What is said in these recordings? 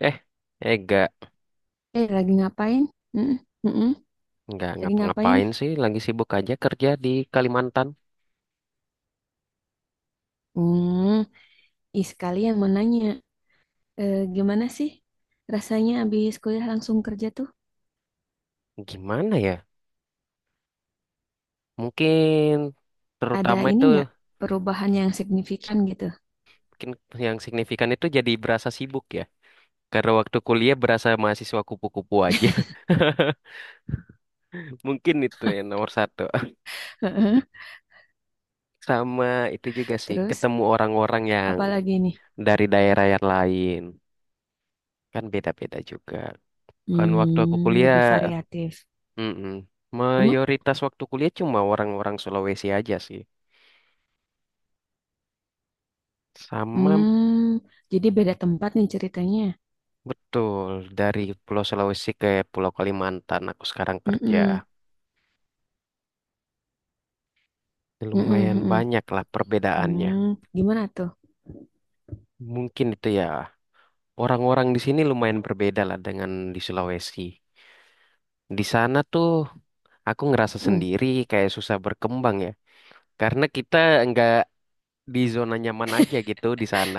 Eh, eh, gak, Eh, lagi ngapain? Mm, mm-mm. nggak Lagi ngapain nih? ngapa-ngapain sih, lagi sibuk aja kerja di Kalimantan. Hmm, ih sekalian mau nanya, gimana sih rasanya abis kuliah langsung kerja tuh? Gimana ya? Mungkin Ada terutama ini itu, nggak perubahan yang signifikan gitu? mungkin yang signifikan itu jadi berasa sibuk ya. Karena waktu kuliah berasa mahasiswa kupu-kupu aja. Mungkin itu yang nomor satu. Heeh. Sama itu juga sih, Terus, ketemu orang-orang yang apalagi nih? dari daerah yang lain. Kan beda-beda juga. Kan waktu aku kuliah, Lebih variatif. mm-mm, Emang, mayoritas waktu kuliah cuma orang-orang Sulawesi aja sih. Sama. hmm, jadi beda tempat nih ceritanya. Betul, dari Pulau Sulawesi ke Pulau Kalimantan aku sekarang kerja. Mm-mm, mm-mm, Lumayan mm-mm. banyak lah perbedaannya. Gimana tuh? Mungkin itu ya, orang-orang di sini lumayan berbeda lah dengan di Sulawesi. Di sana tuh aku ngerasa Hmm, sendiri kayak susah berkembang ya. Karena kita nggak di zona nyaman aja gitu di sana.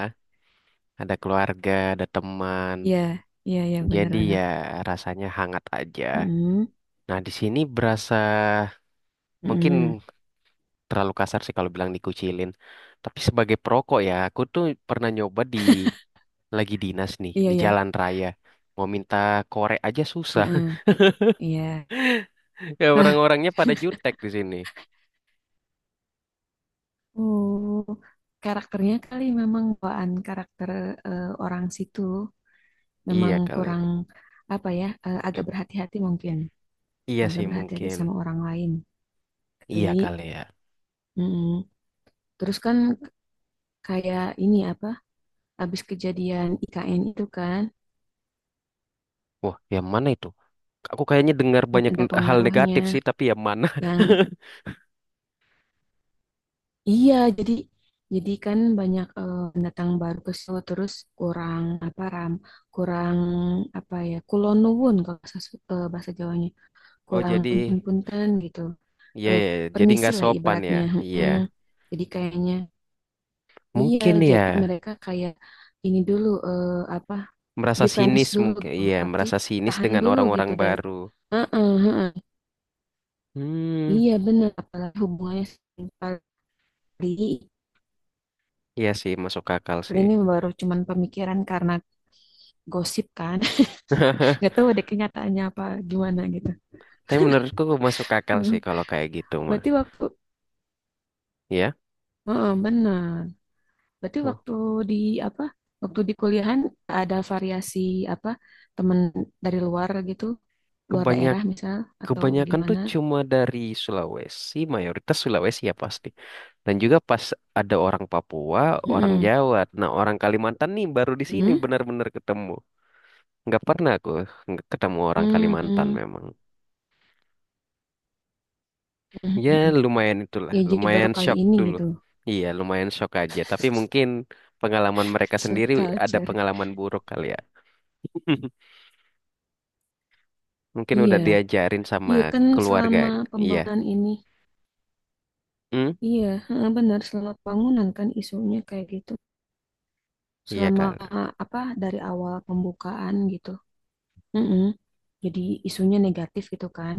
Ada keluarga, ada teman. iya, iya, iya, Jadi ya benar-benar. rasanya hangat aja. Hmm, Nah di sini berasa mungkin mm-mm. terlalu kasar sih kalau bilang dikucilin. Tapi sebagai perokok ya, aku tuh pernah nyoba di lagi dinas nih Iya, di iya. jalan raya. Mau minta korek aja susah. Heeh, iya. Ya Nah, orang-orangnya pada jutek di sini. oh, karakternya kali memang bawaan karakter orang situ memang Iya kali. kurang apa ya, agak berhati-hati mungkin, Iya agak sih berhati-hati mungkin. sama orang lain Iya kali. kali ya. Mm-mm. Terus kan kayak ini apa, habis kejadian IKN itu kan Wah, yang mana itu? Aku kayaknya dengar banyak ada hal negatif sih, pengaruhnya tapi yang mana? yang iya jadi kan banyak pendatang baru ke situ terus kurang apa kurang apa ya kulon nuwun kalau bahasa, bahasa Jawanya Oh, kurang jadi punten-punten gitu. iya Eh, ya, jadi permisi nggak lah sopan ya. ibaratnya. Iya. mm Jadi kayaknya iya Mungkin jadi ya mereka kayak ini dulu apa merasa defense sinis dulu mungkin. gitu. Iya, Apa sih? merasa sinis Tahan dengan dulu gitu orang-orang dari baru. heeh, heeh. Hmm. Iya benar apalagi hubungannya kali. Iya sih, masuk akal Kali sih. ini baru cuman pemikiran karena gosip kan. Nggak tahu ada kenyataannya apa gimana gitu. Tapi menurutku masuk akal sih kalau kayak gitu mah. Berarti waktu Ya, heeh, benar. Berarti tuh. waktu di apa? Waktu di kuliahan ada variasi apa? Temen dari luar gitu, luar Kebanyak daerah misal atau Kebanyakan tuh gimana? cuma dari Sulawesi, mayoritas Sulawesi ya pasti. Dan juga pas ada orang Papua, orang Mm-mm. Jawa. Nah, orang Kalimantan nih baru di sini Mm-mm. benar-benar ketemu. Nggak pernah aku ketemu orang Kalimantan Mm-mm. memang. Ya, Mm-mm. lumayan itulah, Ya jadi baru lumayan kali shock ini dulu. gitu. Iya, lumayan shock aja. Tapi mungkin pengalaman mereka So sendiri ada culture. pengalaman buruk kali ya. Mungkin Iya. udah diajarin sama Iya kan keluarga. selama Iya. pembangunan ini. Hmm? Iya, heeh, benar selama pembangunan kan isunya kayak gitu. Iya Selama kan. apa dari awal pembukaan gitu. Mm-mm. Jadi isunya negatif gitu kan.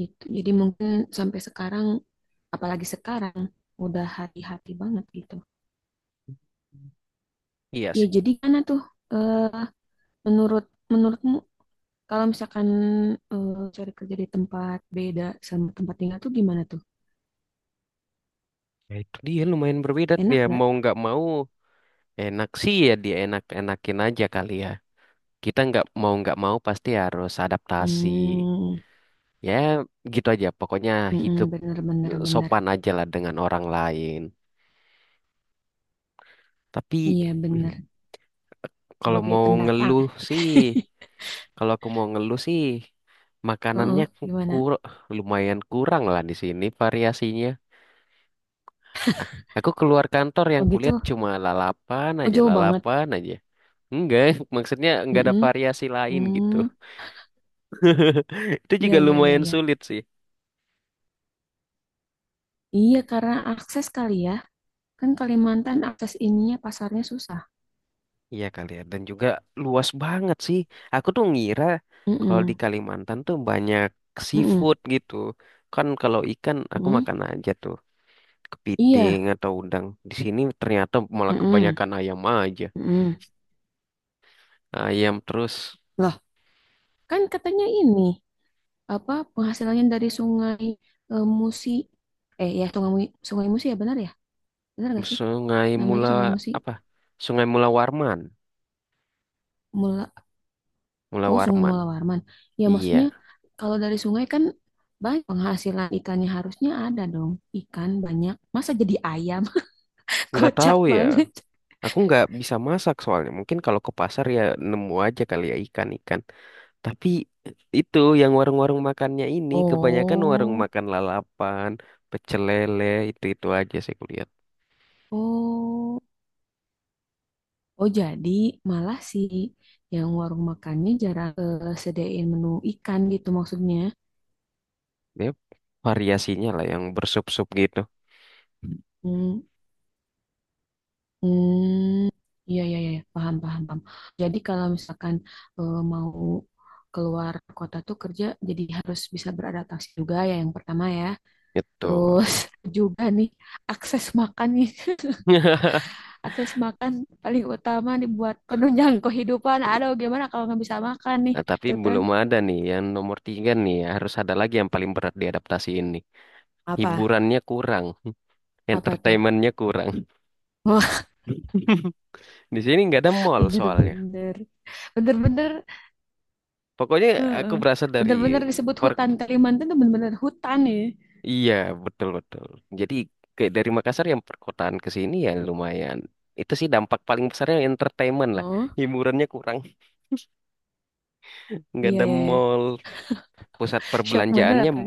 Gitu. Jadi mungkin sampai sekarang, apalagi sekarang, udah hati-hati banget gitu. Iya Ya sih. jadi karena tuh eh, menurut menurutmu kalau misalkan cari kerja di tempat beda sama tempat tinggal tuh gimana tuh? Ya, itu dia lumayan berbeda. Enak Dia nggak? mau nggak mau enak sih, ya dia enak-enakin aja kali ya. Kita nggak mau pasti harus adaptasi. Hmm, Ya gitu aja. Pokoknya mm-mm, hidup bener bener bener. sopan aja lah dengan orang lain. Tapi Iya bener. kalau Sebagai mau pendatang. ngeluh sih, kalau aku mau ngeluh sih, makanannya Heeh, gimana? kur lumayan kurang lah di sini variasinya. Aku keluar kantor Oh yang kulihat gitu. cuma lalapan Oh aja, jauh banget. lalapan aja. Enggak, maksudnya enggak ada Mm-mm. variasi lain gitu. Hmm, Itu juga ya ya ya lumayan ya. sulit sih. Iya karena akses kali ya. Kan Kalimantan akses ininya pasarnya susah. Iya kali ya, dan juga luas banget sih. Aku tuh ngira kalau di Mm-mm, Kalimantan tuh banyak mm-mm, seafood gitu. Kan kalau ikan aku mm-mm. makan aja tuh kepiting Iya, atau udang. Di sini ternyata malah mm-mm, kebanyakan ayam aja. mm-mm. Ayam terus Loh, kan katanya ini apa penghasilannya dari sungai Musi. Ya, sungai Sungai Musi ya? Benar gak sih? sungai Namanya mula Sungai Musi. apa? Sungai Mula Warman, Mula, Mula oh, Sungai Warman. Mula Warman. Ya, maksudnya Iya. kalau dari sungai kan banyak penghasilan ikannya harusnya ada dong. Ikan banyak. Masa jadi ayam? Nggak Kocak tahu ya. banget. Aku nggak bisa masak soalnya. Mungkin kalau ke pasar ya nemu aja kali ya ikan-ikan. Tapi itu yang warung-warung makannya ini kebanyakan warung Oh. makan lalapan, pecel lele, itu-itu aja sih kulihat. Oh. Oh, jadi malah sih yang warung makannya jarang sedain menu ikan gitu maksudnya. Ya, variasinya lah yang bersup-sup gitu. Hmm, hmm, iya, iya, iya, iya. Paham, paham, paham. Jadi kalau misalkan mau keluar kota tuh kerja, jadi harus bisa beradaptasi juga ya yang pertama ya. Gitu. Terus juga nih, akses makan paling utama nih buat penunjang kehidupan. Aduh, gimana kalau nggak bisa makan nih, Nah, tapi tuh kan? belum ada nih yang nomor tiga nih. Harus ada lagi yang paling berat diadaptasi ini. Apa? Hiburannya kurang, Apa tuh? entertainmentnya kurang. Di sini nggak ada mall soalnya. Bener-bener, bener-bener, Pokoknya aku heeh. berasal dari Bener-bener disebut per hutan Kalimantan tuh bener-bener hutan ya. iya, betul betul. Jadi kayak dari Makassar yang perkotaan ke sini ya lumayan. Itu sih dampak paling besarnya entertainment lah. Oh, Hiburannya kurang, nggak iya ada iya, iya. mall, pusat Shock bener perbelanjaannya apa?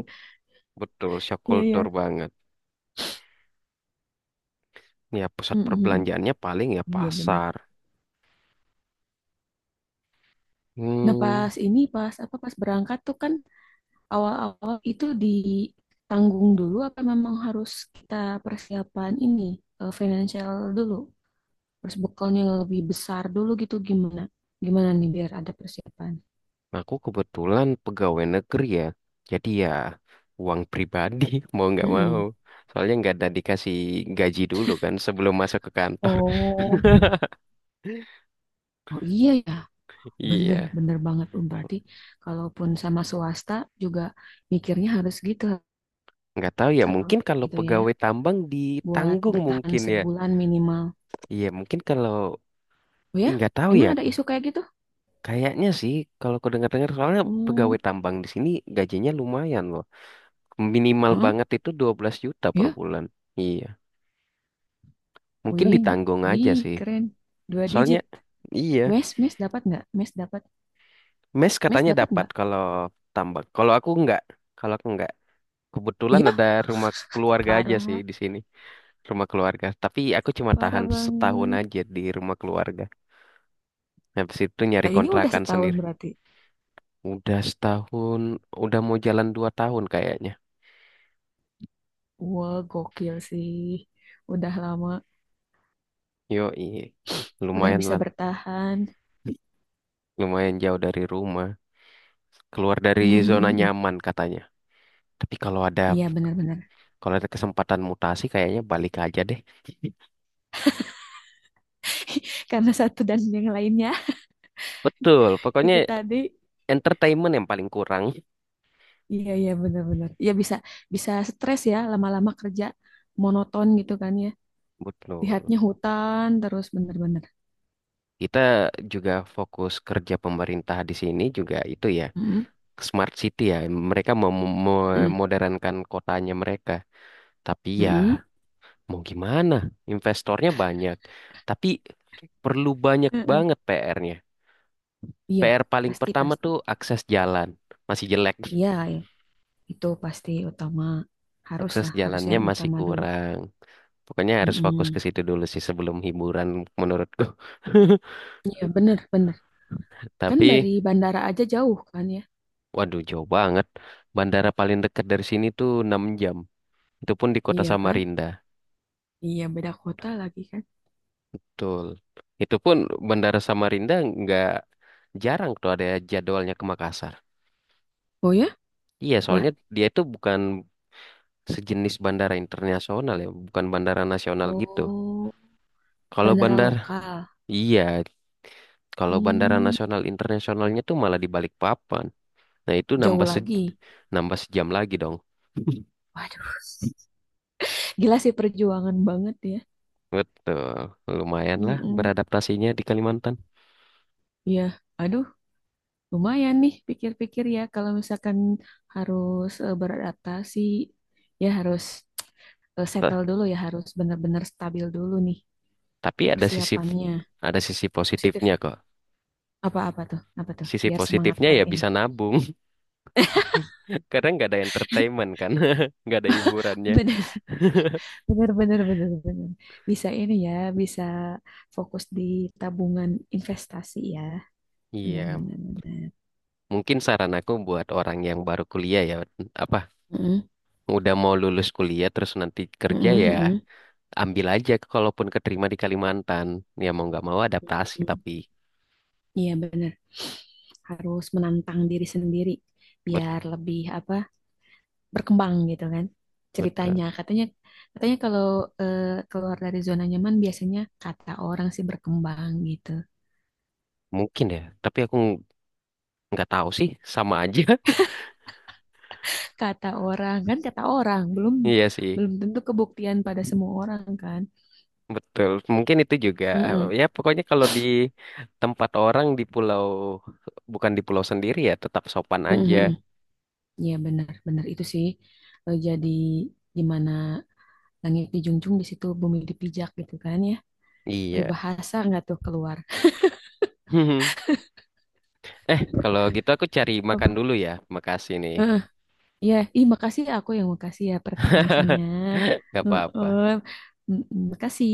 betul shock Iya iya, culture banget. Ya pusat mm-mm. perbelanjaannya paling ya Iya bener. pasar. Nah Hmm, pas ini pas apa pas berangkat tuh kan awal-awal itu ditanggung dulu apa memang harus kita persiapan ini financial dulu, terus bekalnya yang lebih besar dulu gitu gimana? Gimana nih biar ada persiapan? aku kebetulan pegawai negeri ya. Jadi ya uang pribadi mau nggak mau. Mm-mm. Soalnya nggak ada dikasih gaji dulu kan sebelum masuk ke kantor. Oh. Oh iya ya, bener, Iya. bener banget. Berarti kalaupun sama swasta juga mikirnya harus gitu, harus Nggak tahu ya, atau mungkin kalau gitu ya, pegawai tambang buat ditanggung bertahan mungkin ya. sebulan minimal. Iya, mungkin kalau Oh ya, Ih, nggak tahu emang ya. ada isu kayak gitu? Kayaknya sih kalau aku dengar-dengar soalnya Hmm, pegawai tambang di sini gajinya lumayan loh. Minimal heeh, banget itu 12 juta per ya, bulan. Iya, mungkin wih, ditanggung aja wih, sih. keren, dua Soalnya digit. iya, Wes, mes dapat nggak? Mes Mes katanya dapat dapat nggak? kalau tambang. Kalau aku nggak, kalau aku nggak. Kebetulan Iya, ada rumah keluarga aja sih parah, di sini, rumah keluarga. Tapi aku cuma parah tahan setahun banget. aja di rumah keluarga. Habis itu nyari Nah ini udah kontrakan setahun sendiri. berarti. Udah setahun, udah mau jalan 2 tahun kayaknya. Wah, gokil sih. Udah lama, Yoi, udah lumayan bisa lah, bertahan. lumayan jauh dari rumah. Keluar dari zona nyaman katanya. Tapi kalau ada Iya, benar-benar. Kesempatan mutasi kayaknya balik aja deh. Karena satu dan yang lainnya Betul, pokoknya itu tadi entertainment yang paling kurang. iya iya benar-benar ya bisa bisa stres ya lama-lama kerja monoton gitu kan ya Betul. lihatnya hutan terus bener-bener. Kita juga fokus kerja pemerintah di sini juga itu ya, Mm-mm. smart city ya. Mereka Mm-mm. memodernkan kotanya mereka. Tapi ya, Mm-mm. mau gimana? Investornya banyak, tapi perlu banyak Mm-mm. banget PR-nya. Iya, PR paling pasti pertama pasti. tuh akses jalan. Masih jelek. Iya, ya. Itu pasti utama. Harus Akses lah harus jalannya yang masih utama dulu. kurang. Pokoknya harus fokus Mm-mm. ke situ dulu sih sebelum hiburan menurutku. Iya, bener, bener. Kan dari Tapi, bandara aja jauh kan ya? waduh jauh banget. Bandara paling dekat dari sini tuh 6 jam. Itu pun di kota Iya kan? Samarinda. Iya, beda kota lagi kan? Betul. Itu pun bandara Samarinda nggak jarang tuh ada jadwalnya ke Makassar. Oh ya? Iya, soalnya Lah, dia itu bukan sejenis bandara internasional ya, bukan bandara nasional gitu. oh, Kalau bandara bandar, lokal. iya, kalau bandara Hmm, nasional internasionalnya tuh malah di Balikpapan. Nah itu jauh nambah lagi. nambah sejam lagi dong. Waduh, gila sih perjuangan banget ya. Betul, lumayan lah Mm-mm. beradaptasinya di Kalimantan. Ya, aduh, lumayan nih pikir-pikir ya kalau misalkan harus beradaptasi, ya harus Ta- settle dulu ya, harus benar-benar stabil dulu nih Tapi ada sisi persiapannya. Positif positifnya kok. apa-apa tuh, apa tuh, Sisi biar semangat positifnya ya lagi nih. bisa nabung, karena nggak ada entertainment kan, nggak ada hiburannya. Bener, bener, bener, bener, bener. Bisa ini ya, bisa fokus di tabungan investasi ya. Benar, Iya, benar, benar. mungkin saran aku buat orang yang baru kuliah ya, apa Mm-mm. udah mau lulus kuliah terus nanti kerja Heeh, ya heeh. ambil aja kalaupun keterima di Kalimantan, ya mau nggak mau adaptasi Mhm. tapi Iya benar. Harus menantang diri sendiri bet biar lebih apa berkembang gitu kan betul. ceritanya. Katanya katanya kalau eh, keluar dari zona nyaman biasanya kata orang sih berkembang gitu. Mungkin ya, tapi aku nggak tahu sih, sama aja. Kata orang kan kata orang belum Iya sih belum tentu kebuktian pada semua orang kan. betul, mungkin itu juga eh, Heeh. ya pokoknya kalau di tempat orang, di pulau bukan di pulau sendiri, ya tetap sopan Heeh, aja. heeh. Iya benar benar itu sih jadi gimana langit dijunjung di situ bumi dipijak gitu kan ya. Iya. Peribahasa nggak tuh keluar. Eh, kalau gitu aku cari makan Apa? dulu ya, makasih nih. Heeh, iya, ih, makasih ya, aku yang makasih ya preferensinya. Nggak apa-apa. Heeh. Mm, mm, makasih.